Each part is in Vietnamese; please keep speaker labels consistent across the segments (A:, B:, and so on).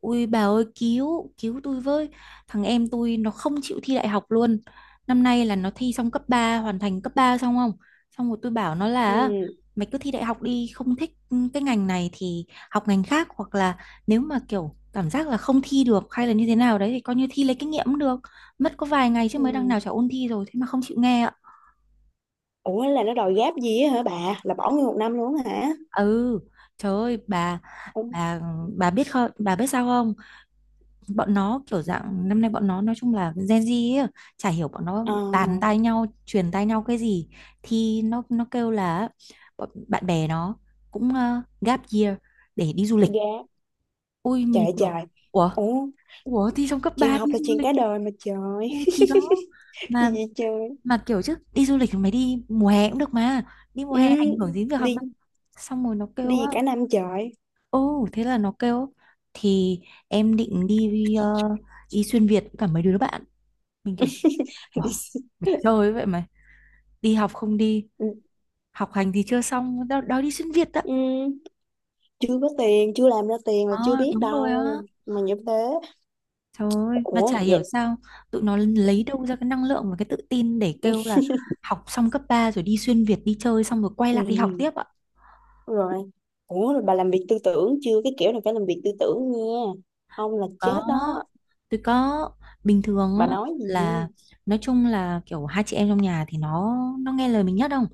A: Ui bà ơi cứu tôi với. Thằng em tôi nó không chịu thi đại học luôn. Năm nay là nó thi xong cấp 3 hoàn thành cấp 3 xong không? Xong rồi tôi bảo nó là
B: Ừ,
A: mày cứ thi đại học đi, không thích cái ngành này thì học ngành khác, hoặc là nếu mà kiểu cảm giác là không thi được hay là như thế nào đấy thì coi như thi lấy kinh nghiệm cũng được. Mất có vài ngày chứ, mới đằng
B: ừ.
A: nào chả ôn thi rồi, thế mà không chịu nghe ạ.
B: Ủa, là nó đòi gáp gì á hả bà, là bỏ nguyên một năm luôn á hả?
A: Ừ, trời ơi bà,
B: Ủa,
A: bà bà biết không, bà biết sao không? Bọn nó kiểu dạng năm nay bọn nó nói chung là Gen Z ấy, chả hiểu bọn nó
B: ờ
A: tán tai nhau truyền tai nhau cái gì thì nó kêu là bọn bạn bè nó cũng gap year để đi du lịch.
B: gáp.
A: Ui mình
B: Trời,
A: kiểu
B: trời.
A: ủa,
B: Ủa,
A: thì trong cấp
B: chuyện
A: 3
B: học
A: đi
B: là
A: du
B: chuyện
A: lịch.
B: cả đời mà trời.
A: Ui thì đó,
B: Gì
A: mà
B: vậy trời.
A: mà kiểu chứ đi du lịch thì mày đi mùa hè cũng được mà, đi mùa
B: Ừ,
A: hè ảnh hưởng gì đến việc học
B: đi
A: đâu. Xong rồi nó kêu
B: đi
A: á,
B: cả năm trời.
A: ô thế là nó kêu thì em định đi đi xuyên Việt với cả mấy đứa bạn. Mình kiểu
B: Đi
A: wow,
B: xin-
A: mày chơi vậy mày. Đi học không đi,
B: ừ.
A: học hành thì chưa xong, đòi đi xuyên Việt đó.
B: Ừ, chưa có tiền chưa làm ra tiền là
A: Ờ,
B: chưa biết
A: đúng rồi
B: đâu.
A: á.
B: Mà như thế.
A: Trời ơi, mà chả
B: Ủa vậy.
A: hiểu sao tụi nó lấy đâu ra cái năng lượng và cái tự tin để kêu là học xong cấp 3 rồi đi xuyên Việt đi chơi xong rồi quay lại đi học
B: Ừ,
A: tiếp ạ.
B: rồi. Ủa rồi bà làm việc tư tưởng chưa, cái kiểu này phải làm việc tư tưởng nha. Ông là
A: Có,
B: chết đó.
A: tôi có, bình thường
B: Bà
A: á
B: nói gì.
A: là nói chung là kiểu hai chị em trong nhà thì nó nghe lời mình nhất không?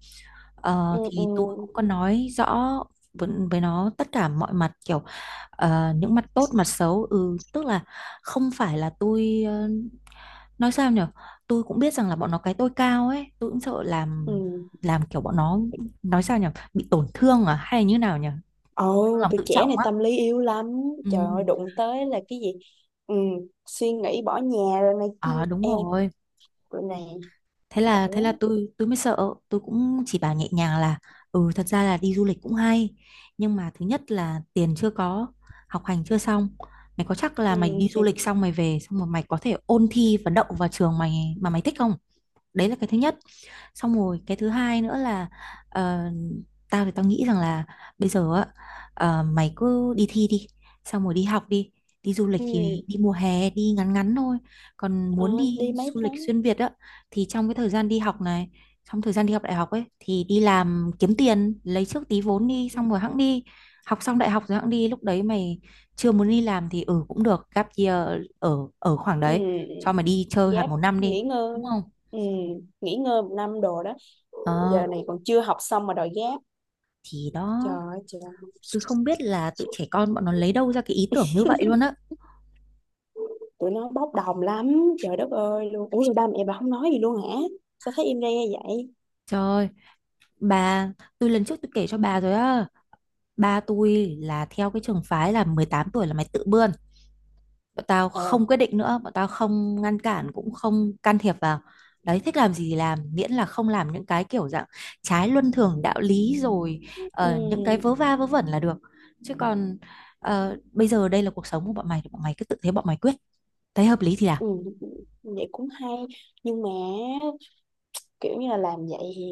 A: Ờ,
B: Ừ, ừ.
A: thì tôi cũng có nói rõ với nó tất cả mọi mặt, kiểu những mặt tốt mặt xấu, ừ tức là không phải là tôi, nói sao nhở, tôi cũng biết rằng là bọn nó cái tôi cao ấy, tôi cũng sợ
B: Ừ.
A: làm kiểu bọn nó, nói sao nhở, bị tổn thương à hay là như nào nhở, tổn thương
B: Ồ,
A: lòng
B: tụi
A: tự
B: trẻ
A: trọng
B: này
A: á,
B: tâm lý yếu lắm. Trời
A: ừ.
B: ơi đụng tới là cái gì. Ừ, suy nghĩ bỏ nhà rồi này kia.
A: À đúng
B: Em.
A: rồi,
B: Rồi này.
A: thế là thế
B: Ủa.
A: là tôi mới sợ, tôi cũng chỉ bảo nhẹ nhàng là ừ, thật ra là đi du lịch cũng hay, nhưng mà thứ nhất là tiền chưa có, học hành chưa xong, mày có chắc là
B: Ừ.
A: mày đi du lịch xong mày về xong rồi mày có thể ôn thi và đậu vào trường mày mà mày thích không. Đấy là cái thứ nhất. Xong rồi cái thứ hai nữa là, ờ, tao thì tao nghĩ rằng là bây giờ á, mày cứ đi thi đi, xong rồi đi học đi, đi du lịch
B: Ừ.
A: thì đi mùa hè, đi ngắn ngắn thôi. Còn
B: Ờ,
A: muốn đi
B: đi mấy
A: du lịch
B: tháng.
A: xuyên Việt á thì trong cái thời gian đi học này, trong thời gian đi học đại học ấy thì đi làm kiếm tiền lấy trước tí vốn đi, xong rồi hẵng đi. Học xong đại học rồi hẵng đi, lúc đấy mày chưa muốn đi làm thì ừ cũng được, gap year ở ở khoảng đấy, cho
B: Ừ.
A: mày đi chơi hạt
B: Gap.
A: một năm đi,
B: Nghỉ ngơi.
A: đúng không.
B: Ừ, nghỉ ngơi một năm đồ đó.
A: Ờ,
B: Giờ này còn chưa học xong mà đòi gap.
A: thì
B: Trời
A: đó,
B: ơi trời.
A: tôi không biết là tụi trẻ con bọn nó lấy đâu ra cái ý tưởng như vậy luôn á.
B: Tụi nó bốc đồng lắm trời đất ơi luôn. Ủa rồi ba mẹ bà không nói gì luôn hả? Sao thấy im re vậy?
A: Trời, bà, tôi lần trước tôi kể cho bà rồi á. Ba tôi là theo cái trường phái là 18 tuổi là mày tự bươn. Bọn tao
B: Èo.
A: không quyết định nữa, bọn tao không ngăn cản cũng không can thiệp vào. Đấy, thích làm gì thì làm, miễn là không làm những cái kiểu dạng trái luân thường đạo lý rồi, những cái
B: Ừ.
A: vớ va vớ vẩn là được. Chứ còn bây giờ đây là cuộc sống của bọn mày thì bọn mày cứ tự, thế bọn mày quyết. Thấy hợp lý thì làm.
B: Ừ, vậy cũng hay. Nhưng mà kiểu như là làm vậy thì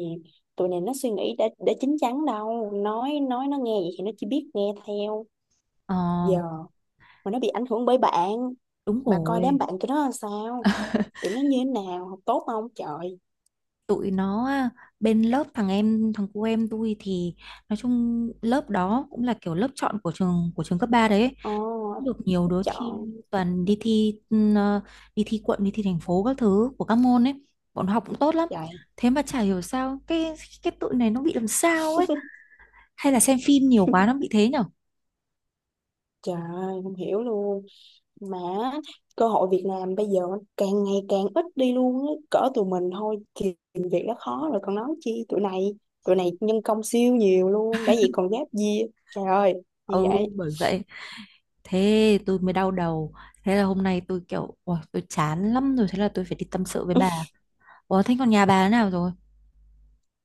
B: tụi này nó suy nghĩ đã chín chắn đâu, nói nó nghe vậy thì nó chỉ biết nghe theo.
A: Ờ,
B: Giờ mà nó bị ảnh hưởng bởi bạn.
A: đúng
B: Bà coi đám
A: rồi,
B: bạn tụi nó là sao. Tụi nó như thế nào, học tốt không trời?
A: tụi nó á, bên lớp thằng em, thằng cô em tôi thì nói chung lớp đó cũng là kiểu lớp chọn của trường, của trường cấp 3 đấy ấy.
B: Ồ. Oh,
A: Được nhiều đứa thi,
B: chọn.
A: toàn đi thi đi thi quận đi thi thành phố các thứ của các môn ấy, bọn nó học cũng tốt lắm.
B: Trời,
A: Thế mà chả hiểu sao cái tụi này nó bị làm sao ấy, hay là xem phim nhiều quá nó bị thế nhở.
B: trời, không hiểu luôn. Mà cơ hội việc làm bây giờ càng ngày càng ít đi luôn á, cỡ tụi mình thôi thì tìm việc đã khó rồi còn nói chi tụi này. Tụi này nhân công siêu nhiều luôn, đã vậy còn giáp gì. Trời ơi, gì
A: Ừ
B: vậy.
A: bởi vậy, thế tôi mới đau đầu. Thế là hôm nay tôi kiểu ôi tôi chán lắm rồi, thế là tôi phải đi tâm sự với bà. Ủa thế còn nhà bà thế nào rồi?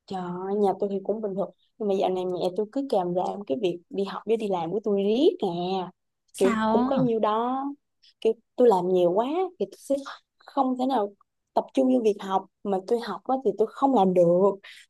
B: Trời ơi, nhà tôi thì cũng bình thường nhưng mà dạo này mẹ tôi cứ kèm làm cái việc đi học với đi làm của tôi riết nè. Kiểu cũng có
A: Sao?
B: nhiêu đó, kiểu tôi làm nhiều quá thì tôi sẽ không thể nào tập trung vô việc học, mà tôi học á thì tôi không làm được,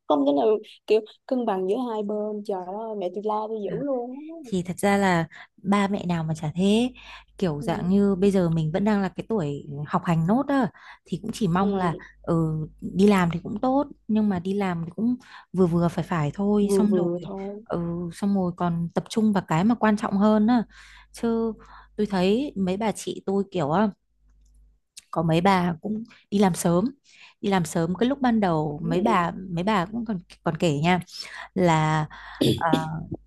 B: không thể nào kiểu cân bằng giữa hai bên. Trời ơi mẹ tôi la tôi dữ
A: À,
B: luôn á.
A: thì thật ra là ba mẹ nào mà chả thế, kiểu
B: Ừ.
A: dạng như bây giờ mình vẫn đang là cái tuổi học hành nốt á, thì cũng chỉ mong là
B: Ừ,
A: ừ, đi làm thì cũng tốt nhưng mà đi làm thì cũng vừa vừa phải phải thôi,
B: vừa
A: xong rồi
B: vừa thôi.
A: ừ, xong rồi còn tập trung vào cái mà quan trọng hơn á, chứ tôi thấy mấy bà chị tôi kiểu á, có mấy bà cũng đi làm sớm, đi làm sớm cái lúc ban đầu
B: Ừ.
A: mấy
B: Ừ.
A: bà mấy bà cũng còn, còn kể nha là ờ,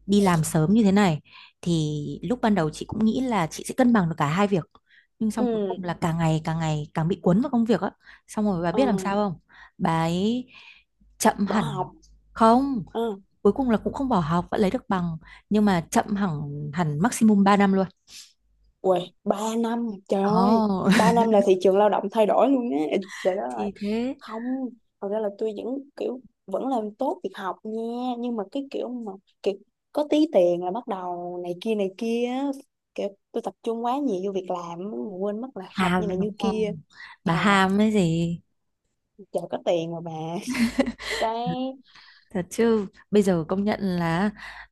A: đi làm sớm như thế này thì lúc ban đầu chị cũng nghĩ là chị sẽ cân bằng được cả hai việc, nhưng xong cuối
B: Ừ.
A: cùng là càng ngày càng ngày càng bị cuốn vào công việc á. Xong rồi bà
B: Ờ,
A: biết làm sao không? Bà ấy chậm
B: bỏ
A: hẳn,
B: học.
A: không,
B: Ừ.
A: cuối cùng là cũng không bỏ học, vẫn lấy được bằng, nhưng mà chậm hẳn, hẳn maximum 3 năm luôn.
B: Uầy, 3 năm, trời ơi,
A: Ồ,
B: 3 năm là thị trường lao động thay đổi luôn á, trời đất ơi,
A: thì thế,
B: không, thật ra là tôi vẫn, kiểu, vẫn làm tốt việc học nha, nhưng mà cái kiểu mà, kiểu, có tí tiền là bắt đầu này kia, á. Kiểu, tôi tập trung quá nhiều vô việc làm, á, mà quên mất là học như này
A: hàm
B: như
A: đúng
B: kia,
A: không, bà
B: thật,
A: hàm cái gì.
B: trời có tiền mà bà, cái,
A: Thật chứ, bây giờ công nhận là,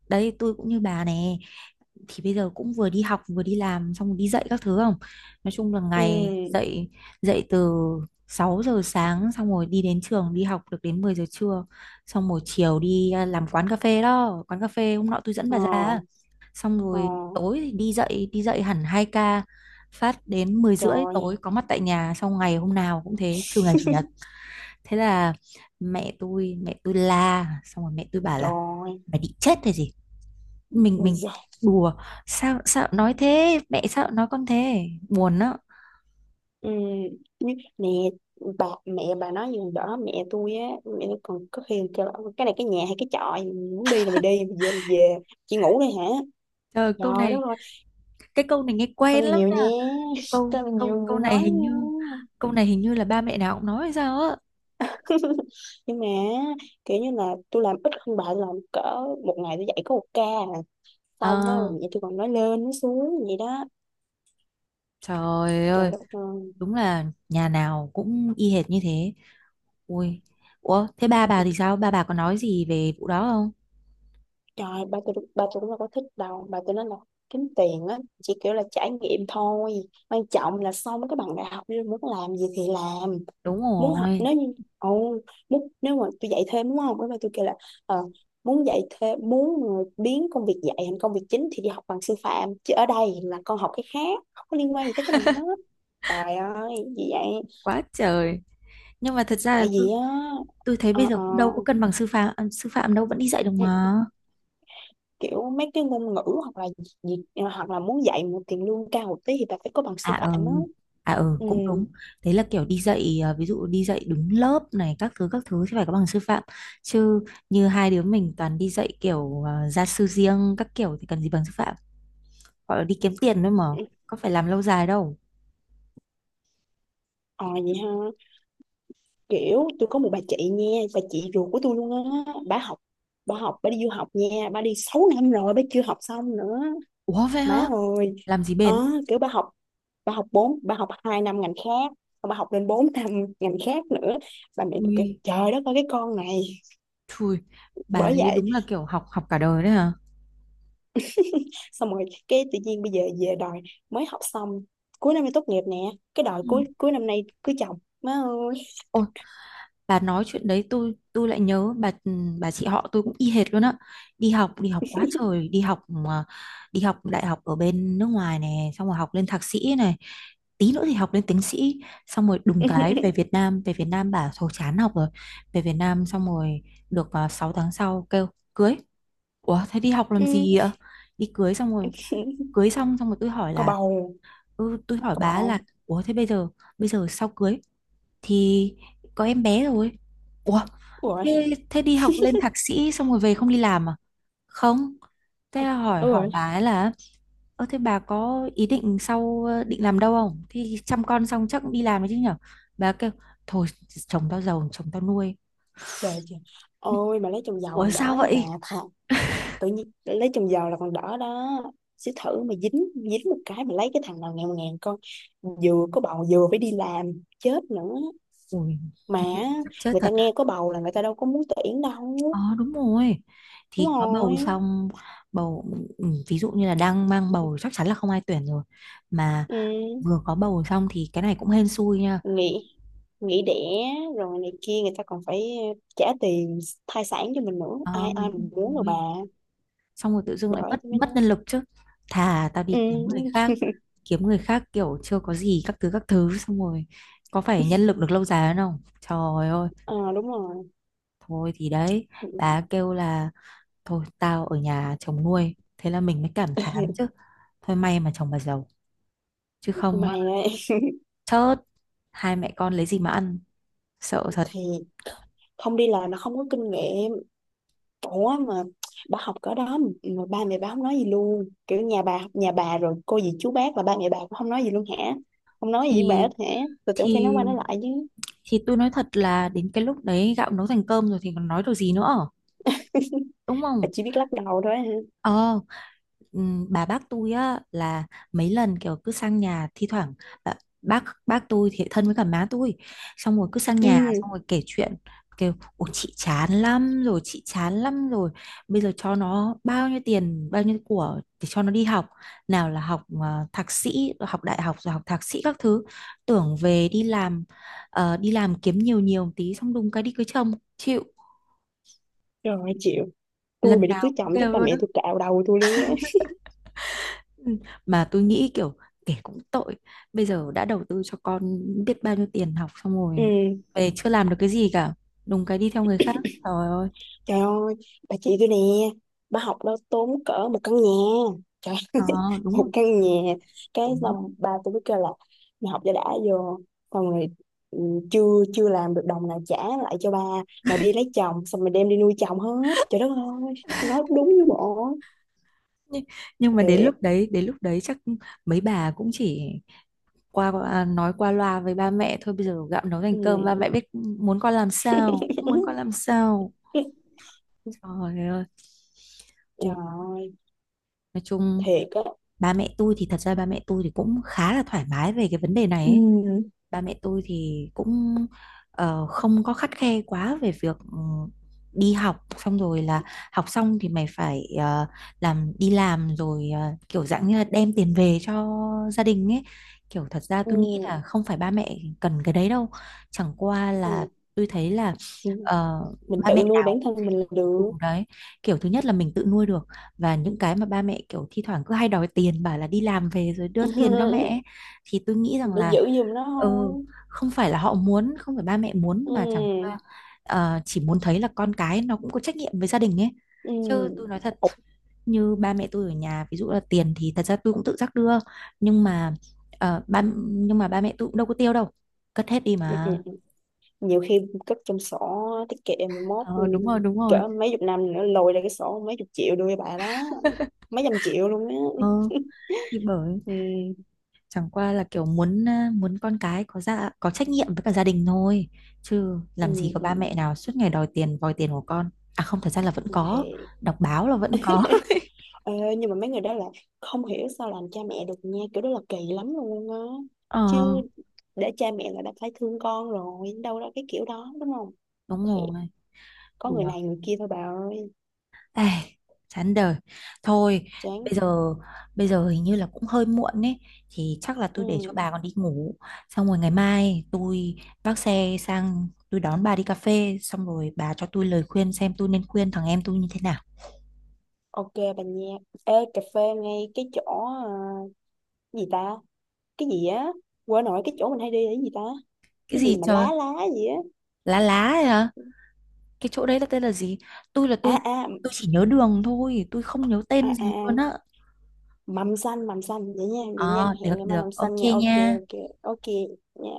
A: đấy tôi cũng như bà nè. Thì bây giờ cũng vừa đi học vừa đi làm xong rồi đi dạy các thứ không? Nói chung là
B: ừ,
A: ngày dậy, dậy từ 6 giờ sáng xong rồi đi đến trường đi học được đến 10 giờ trưa. Xong rồi chiều đi à, làm quán cà phê đó, quán cà phê hôm nọ tôi dẫn
B: ờ,
A: bà ra. Xong
B: ờ,
A: rồi tối thì đi dậy, đi dậy hẳn 2 ca, phát đến 10 rưỡi tối
B: trời,
A: có mặt tại nhà, xong ngày hôm nào cũng thế trừ ngày chủ nhật. Thế là mẹ tôi la, xong rồi mẹ tôi bảo là
B: trời,
A: mày định chết hay gì, mình
B: ui
A: mình
B: da.
A: đùa, sao sao nói thế, mẹ sao nói con thế buồn đó.
B: Ừ, mẹ. Bà mẹ bà nói gì đó mẹ tôi á, mẹ tôi còn có khi kêu là "Ôi, cái này cái nhà hay cái chợ, muốn đi là mày đi mày về là về, chị ngủ đây hả?"
A: Trời câu
B: Trời
A: này,
B: đất ơi.
A: cái câu này nghe
B: Con
A: quen
B: này
A: lắm
B: nhiều
A: nha,
B: nha. Con
A: câu
B: này nhiều
A: câu câu
B: người
A: này
B: nói
A: hình
B: nha.
A: như, câu này hình như là ba mẹ nào cũng nói hay sao á.
B: Nhưng mà kiểu như là tôi làm ít hơn bà, tôi làm cỡ một ngày tôi dạy có một ca. À. Xong á,
A: Ờ,
B: mẹ tôi còn nói lên nói xuống vậy đó.
A: trời ơi,
B: Trời đất ơi.
A: đúng là nhà nào cũng y hệt như thế. Ui, ủa thế ba bà thì sao, ba bà có nói gì về vụ đó không?
B: Trời, bà tôi cũng đâu có thích đâu. Bà tôi nói là kiếm tiền á, chỉ kiểu là trải nghiệm thôi. Quan trọng là xong cái bằng đại học đi muốn làm gì thì làm.
A: Đúng
B: Muốn học,
A: rồi,
B: nếu như, ồ, muốn, nếu mà tôi dạy thêm đúng không? Cái bà tôi kêu là, ờ, muốn dạy thêm, muốn mà biến công việc dạy thành công việc chính thì đi học bằng sư phạm. Chứ ở đây là con học cái khác, không có liên quan gì tới cái này hết. Trời ơi, gì vậy?
A: quá trời. Nhưng mà thật ra là
B: Tại
A: tôi
B: vì á,
A: tôi thấy bây
B: ờ,
A: giờ
B: ờ,
A: cũng đâu có cân bằng sư phạm à, sư phạm đâu vẫn đi dạy được mà.
B: ừ, kiểu mấy cái ngôn ngữ hoặc là gì hoặc là muốn dạy một tiền lương cao một tí thì bà phải có bằng
A: À
B: sư phạm á.
A: ừ, à ừ
B: Ừ.
A: cũng đúng. Thế là kiểu đi dạy à, ví dụ đi dạy đứng lớp này các thứ thì phải có bằng sư phạm, chứ như hai đứa mình toàn đi dạy kiểu à, gia sư riêng các kiểu thì cần gì bằng sư phạm, gọi là đi kiếm tiền thôi mà, có phải làm lâu dài đâu.
B: Ờ, vậy ha. Kiểu tôi có một bà chị nha, bà chị ruột của tôi luôn á, bà đi du học nha, bà đi 6 năm rồi bà chưa học xong nữa.
A: Ủa vậy hả,
B: Má ơi.
A: làm gì
B: ờ
A: bền.
B: Kiểu bà học bà học 2 năm ngành khác, xong bà học lên 4 năm ngành khác nữa. Bà mẹ tôi kêu
A: Ui
B: trời đất ơi cái con này.
A: chui, bà
B: Bởi
A: đấy
B: vậy,
A: đúng là kiểu học học cả đời đấy hả.
B: xong rồi cái tự nhiên bây giờ về đòi, mới học xong, cuối năm nay tốt nghiệp nè, cái đòi
A: Ừ.
B: cuối cuối năm nay cưới chồng má ơi.
A: Ôi, bà nói chuyện đấy tôi lại nhớ bà ừ, bà chị họ tôi cũng y hệt luôn á, đi học quá trời đi học mà- đi học đại học ở bên nước ngoài này xong rồi học lên thạc sĩ này, tí nữa thì học lên tiến sĩ, xong rồi đùng cái về Việt Nam, về Việt Nam bà thôi chán học rồi, về Việt Nam xong rồi được 6 tháng sau kêu cưới. Ủa thế đi học làm
B: Ừ.
A: gì ạ, đi cưới xong rồi, cưới xong xong rồi tôi hỏi
B: Có
A: là
B: bầu.
A: ừ, tôi hỏi
B: Có bầu
A: bà là
B: không?
A: ủa thế bây giờ, bây giờ sau cưới thì có em bé rồi. Ủa,
B: Ủa rồi.
A: thế, thế đi học lên thạc sĩ xong rồi về không đi làm à? Không. Thế là hỏi
B: Ủa
A: hỏi
B: rồi.
A: bà ấy là ơ thế bà có ý định sau định làm đâu không? Thì chăm con xong chắc cũng đi làm đấy chứ nhở? Bà kêu thôi, chồng tao giàu chồng tao nuôi.
B: Trời, trời. Ôi mà lấy chồng giàu
A: Ủa
B: còn
A: sao
B: đỡ nha bà,
A: vậy?
B: thà tự nhiên lấy chồng giàu là còn đỡ đó. Sẽ thử mà dính dính một cái mà lấy cái thằng nào nghèo ngàn con, vừa có bầu vừa phải đi làm chết nữa
A: Ui
B: mà.
A: thế thì chắc chết
B: Người ta
A: thật á.
B: nghe có bầu là người ta đâu có muốn tuyển đâu.
A: Ờ đúng rồi.
B: Đúng
A: Thì có
B: rồi.
A: bầu xong, bầu, ừ, ví dụ như là đang mang bầu chắc chắn là không ai tuyển rồi. Mà
B: Ừ,
A: vừa có bầu xong thì cái này cũng hên xui nha.
B: nghỉ nghỉ đẻ rồi này kia, người ta còn phải trả tiền thai sản cho mình nữa, ai
A: Ờ
B: ai
A: đúng
B: mình muốn rồi bà.
A: rồi. Xong rồi tự dưng lại
B: Bởi
A: mất
B: tôi mới nói.
A: mất nhân lực chứ. Thà tao
B: Ừ,
A: đi kiếm người khác, kiếm người khác kiểu chưa có gì các thứ xong rồi có phải nhân lực được lâu dài hơn không, trời ơi.
B: ờ, đúng rồi.
A: Thôi thì đấy, bà kêu là thôi tao ở nhà chồng nuôi, thế là mình mới cảm thán chứ, thôi may mà chồng bà giàu chứ không
B: Mày
A: á,
B: ấy.
A: chớt, hai mẹ con lấy gì mà ăn, sợ thật.
B: Thì không đi làm là không có kinh nghiệm. Ủa mà bà học cỡ đó mà, ba mẹ bà không nói gì luôn, kiểu nhà bà rồi cô dì chú bác, là ba mẹ bà cũng không nói gì luôn hả? Không nói gì với bà hết
A: thì
B: hả? Tôi tưởng phải nói
A: thì
B: qua nói lại chứ.
A: thì tôi nói thật là đến cái lúc đấy gạo nấu thành cơm rồi thì còn nói được gì nữa, đúng
B: Bà
A: không?
B: chỉ biết lắc đầu thôi hả?
A: Ờ, bà bác tôi á là mấy lần kiểu cứ sang nhà thi thoảng, bà, bác tôi thì thân với cả má tôi, xong rồi cứ sang nhà xong
B: Ừ.
A: rồi kể chuyện, kêu ủa chị chán lắm rồi, chị chán lắm rồi, bây giờ cho nó bao nhiêu tiền bao nhiêu của để cho nó đi học, nào là học thạc sĩ rồi học đại học rồi học thạc sĩ các thứ, tưởng về đi làm, ờ, đi làm kiếm nhiều nhiều tí xong đùng cái đi cưới chồng chịu.
B: Rồi chịu. Tôi mà
A: Lần
B: đi cưới
A: nào cũng
B: chồng chắc
A: kêu
B: ba
A: luôn.
B: mẹ tôi cạo đầu tôi luôn quá.
A: Ừ, mà tôi nghĩ kiểu kể cũng tội, bây giờ đã đầu tư cho con biết bao nhiêu tiền học xong rồi
B: Ừ,
A: về chưa làm được cái gì cả, đúng cái đi theo người khác, trời ơi.
B: trời ơi, bà chị tôi nè, bà học đó tốn cỡ một căn nhà, trời ơi,
A: Ờ đúng
B: một
A: rồi.
B: căn nhà, cái
A: Đúng.
B: xong bà tôi cứ kêu là mày học cho đã vô, xong rồi ừ, chưa chưa làm được đồng nào trả lại cho ba, mà đi lấy chồng, xong rồi đem đi nuôi chồng hết, trời đất ơi, nói đúng với bộ,
A: nhưng, nhưng mà
B: thiệt,
A: đến lúc đấy chắc mấy bà cũng chỉ qua qua- à, nói qua loa với ba mẹ thôi, bây giờ gạo nấu thành
B: ừ.
A: cơm ba mẹ biết muốn con làm sao muốn con làm sao, trời ơi.
B: Trời
A: Ủa,
B: ơi,
A: nói chung
B: thiệt á.
A: ba mẹ tôi thì thật ra ba mẹ tôi thì cũng khá là thoải mái về cái vấn đề này
B: Ừ.
A: ấy. Ba mẹ tôi thì cũng không có khắt khe quá về việc đi học xong rồi là học xong thì mày phải làm, đi làm rồi kiểu dạng như là đem tiền về cho gia đình ấy, kiểu thật ra tôi nghĩ
B: Ừ.
A: là không phải ba mẹ cần cái đấy đâu, chẳng qua là
B: Anh-
A: tôi thấy là ờ,
B: mình
A: ba
B: tự
A: mẹ
B: nuôi
A: nào
B: bản thân mình là
A: Ừ,
B: được.
A: đấy kiểu thứ nhất là mình tự nuôi được và những cái mà ba mẹ kiểu thi thoảng cứ hay đòi tiền bảo là đi làm về rồi đưa tiền cho mẹ ấy, thì tôi nghĩ rằng
B: Để
A: là
B: giữ giùm nó thôi.
A: ừ, không phải là họ muốn, không phải ba mẹ muốn, mà chẳng qua
B: Ừ.
A: chỉ muốn thấy là con cái nó cũng có trách nhiệm với gia đình ấy,
B: Ừ.
A: chứ tôi nói thật,
B: Ủa,
A: như ba mẹ tôi ở nhà ví dụ là tiền thì thật ra tôi cũng tự giác đưa, nhưng mà ờ, ba nhưng mà ba mẹ tôi cũng đâu có tiêu đâu, cất hết đi
B: ừ, ừ,
A: mà.
B: nhiều khi cất trong sổ tiết kiệm mà mốt, ừ,
A: Ờ, đúng rồi, đúng rồi.
B: cỡ mấy chục năm nữa lôi ra cái sổ mấy chục triệu đưa cho bà đó. Mấy trăm triệu luôn á.
A: Ừ, thì bởi
B: Ừ.
A: chẳng qua là kiểu muốn à, muốn con cái có ra có trách nhiệm với cả gia đình thôi, chứ
B: Ừ.
A: làm gì có
B: Ừ.
A: ba mẹ nào suốt ngày đòi tiền vòi tiền của con, à không thật ra là vẫn có,
B: Thì
A: đọc báo là vẫn có.
B: ờ, nhưng mà mấy người đó là không hiểu sao làm cha mẹ được nha, kiểu đó là kỳ lắm luôn á.
A: Ờ
B: Chứ để cha mẹ là đã phải thương con rồi, đâu ra cái kiểu đó đúng không.
A: đúng
B: Thiệt,
A: rồi.
B: có người
A: Đùa.
B: này người kia thôi bà ơi.
A: Ê, chán đời, thôi
B: Chán
A: bây
B: thiệt.
A: giờ, bây giờ hình như là cũng hơi muộn ấy thì chắc là tôi để cho
B: Ừ.
A: bà còn đi ngủ, xong rồi ngày mai tôi vác xe sang tôi đón bà đi cà phê xong rồi bà cho tôi lời khuyên xem tôi nên khuyên thằng em tôi như thế nào.
B: Ok bà nha. Ê, cà phê ngay cái chỗ gì ta? Cái gì á? Quên nổi cái chỗ mình hay đi là cái gì ta?
A: Cái
B: Cái
A: gì
B: gì mà
A: trời,
B: lá lá gì á?
A: lá lá ấy hả? Cái chỗ đấy là tên là gì? Tôi là
B: À
A: tôi
B: à.
A: tôi chỉ nhớ đường thôi, tôi không nhớ
B: À
A: tên
B: à,
A: gì luôn
B: à.
A: á.
B: Mầm xanh vậy nha, vậy nha.
A: Ờ, được
B: Hẹn ngày mai
A: được,
B: mầm
A: ok
B: xanh nha. Ok
A: nha.
B: ok ok nha.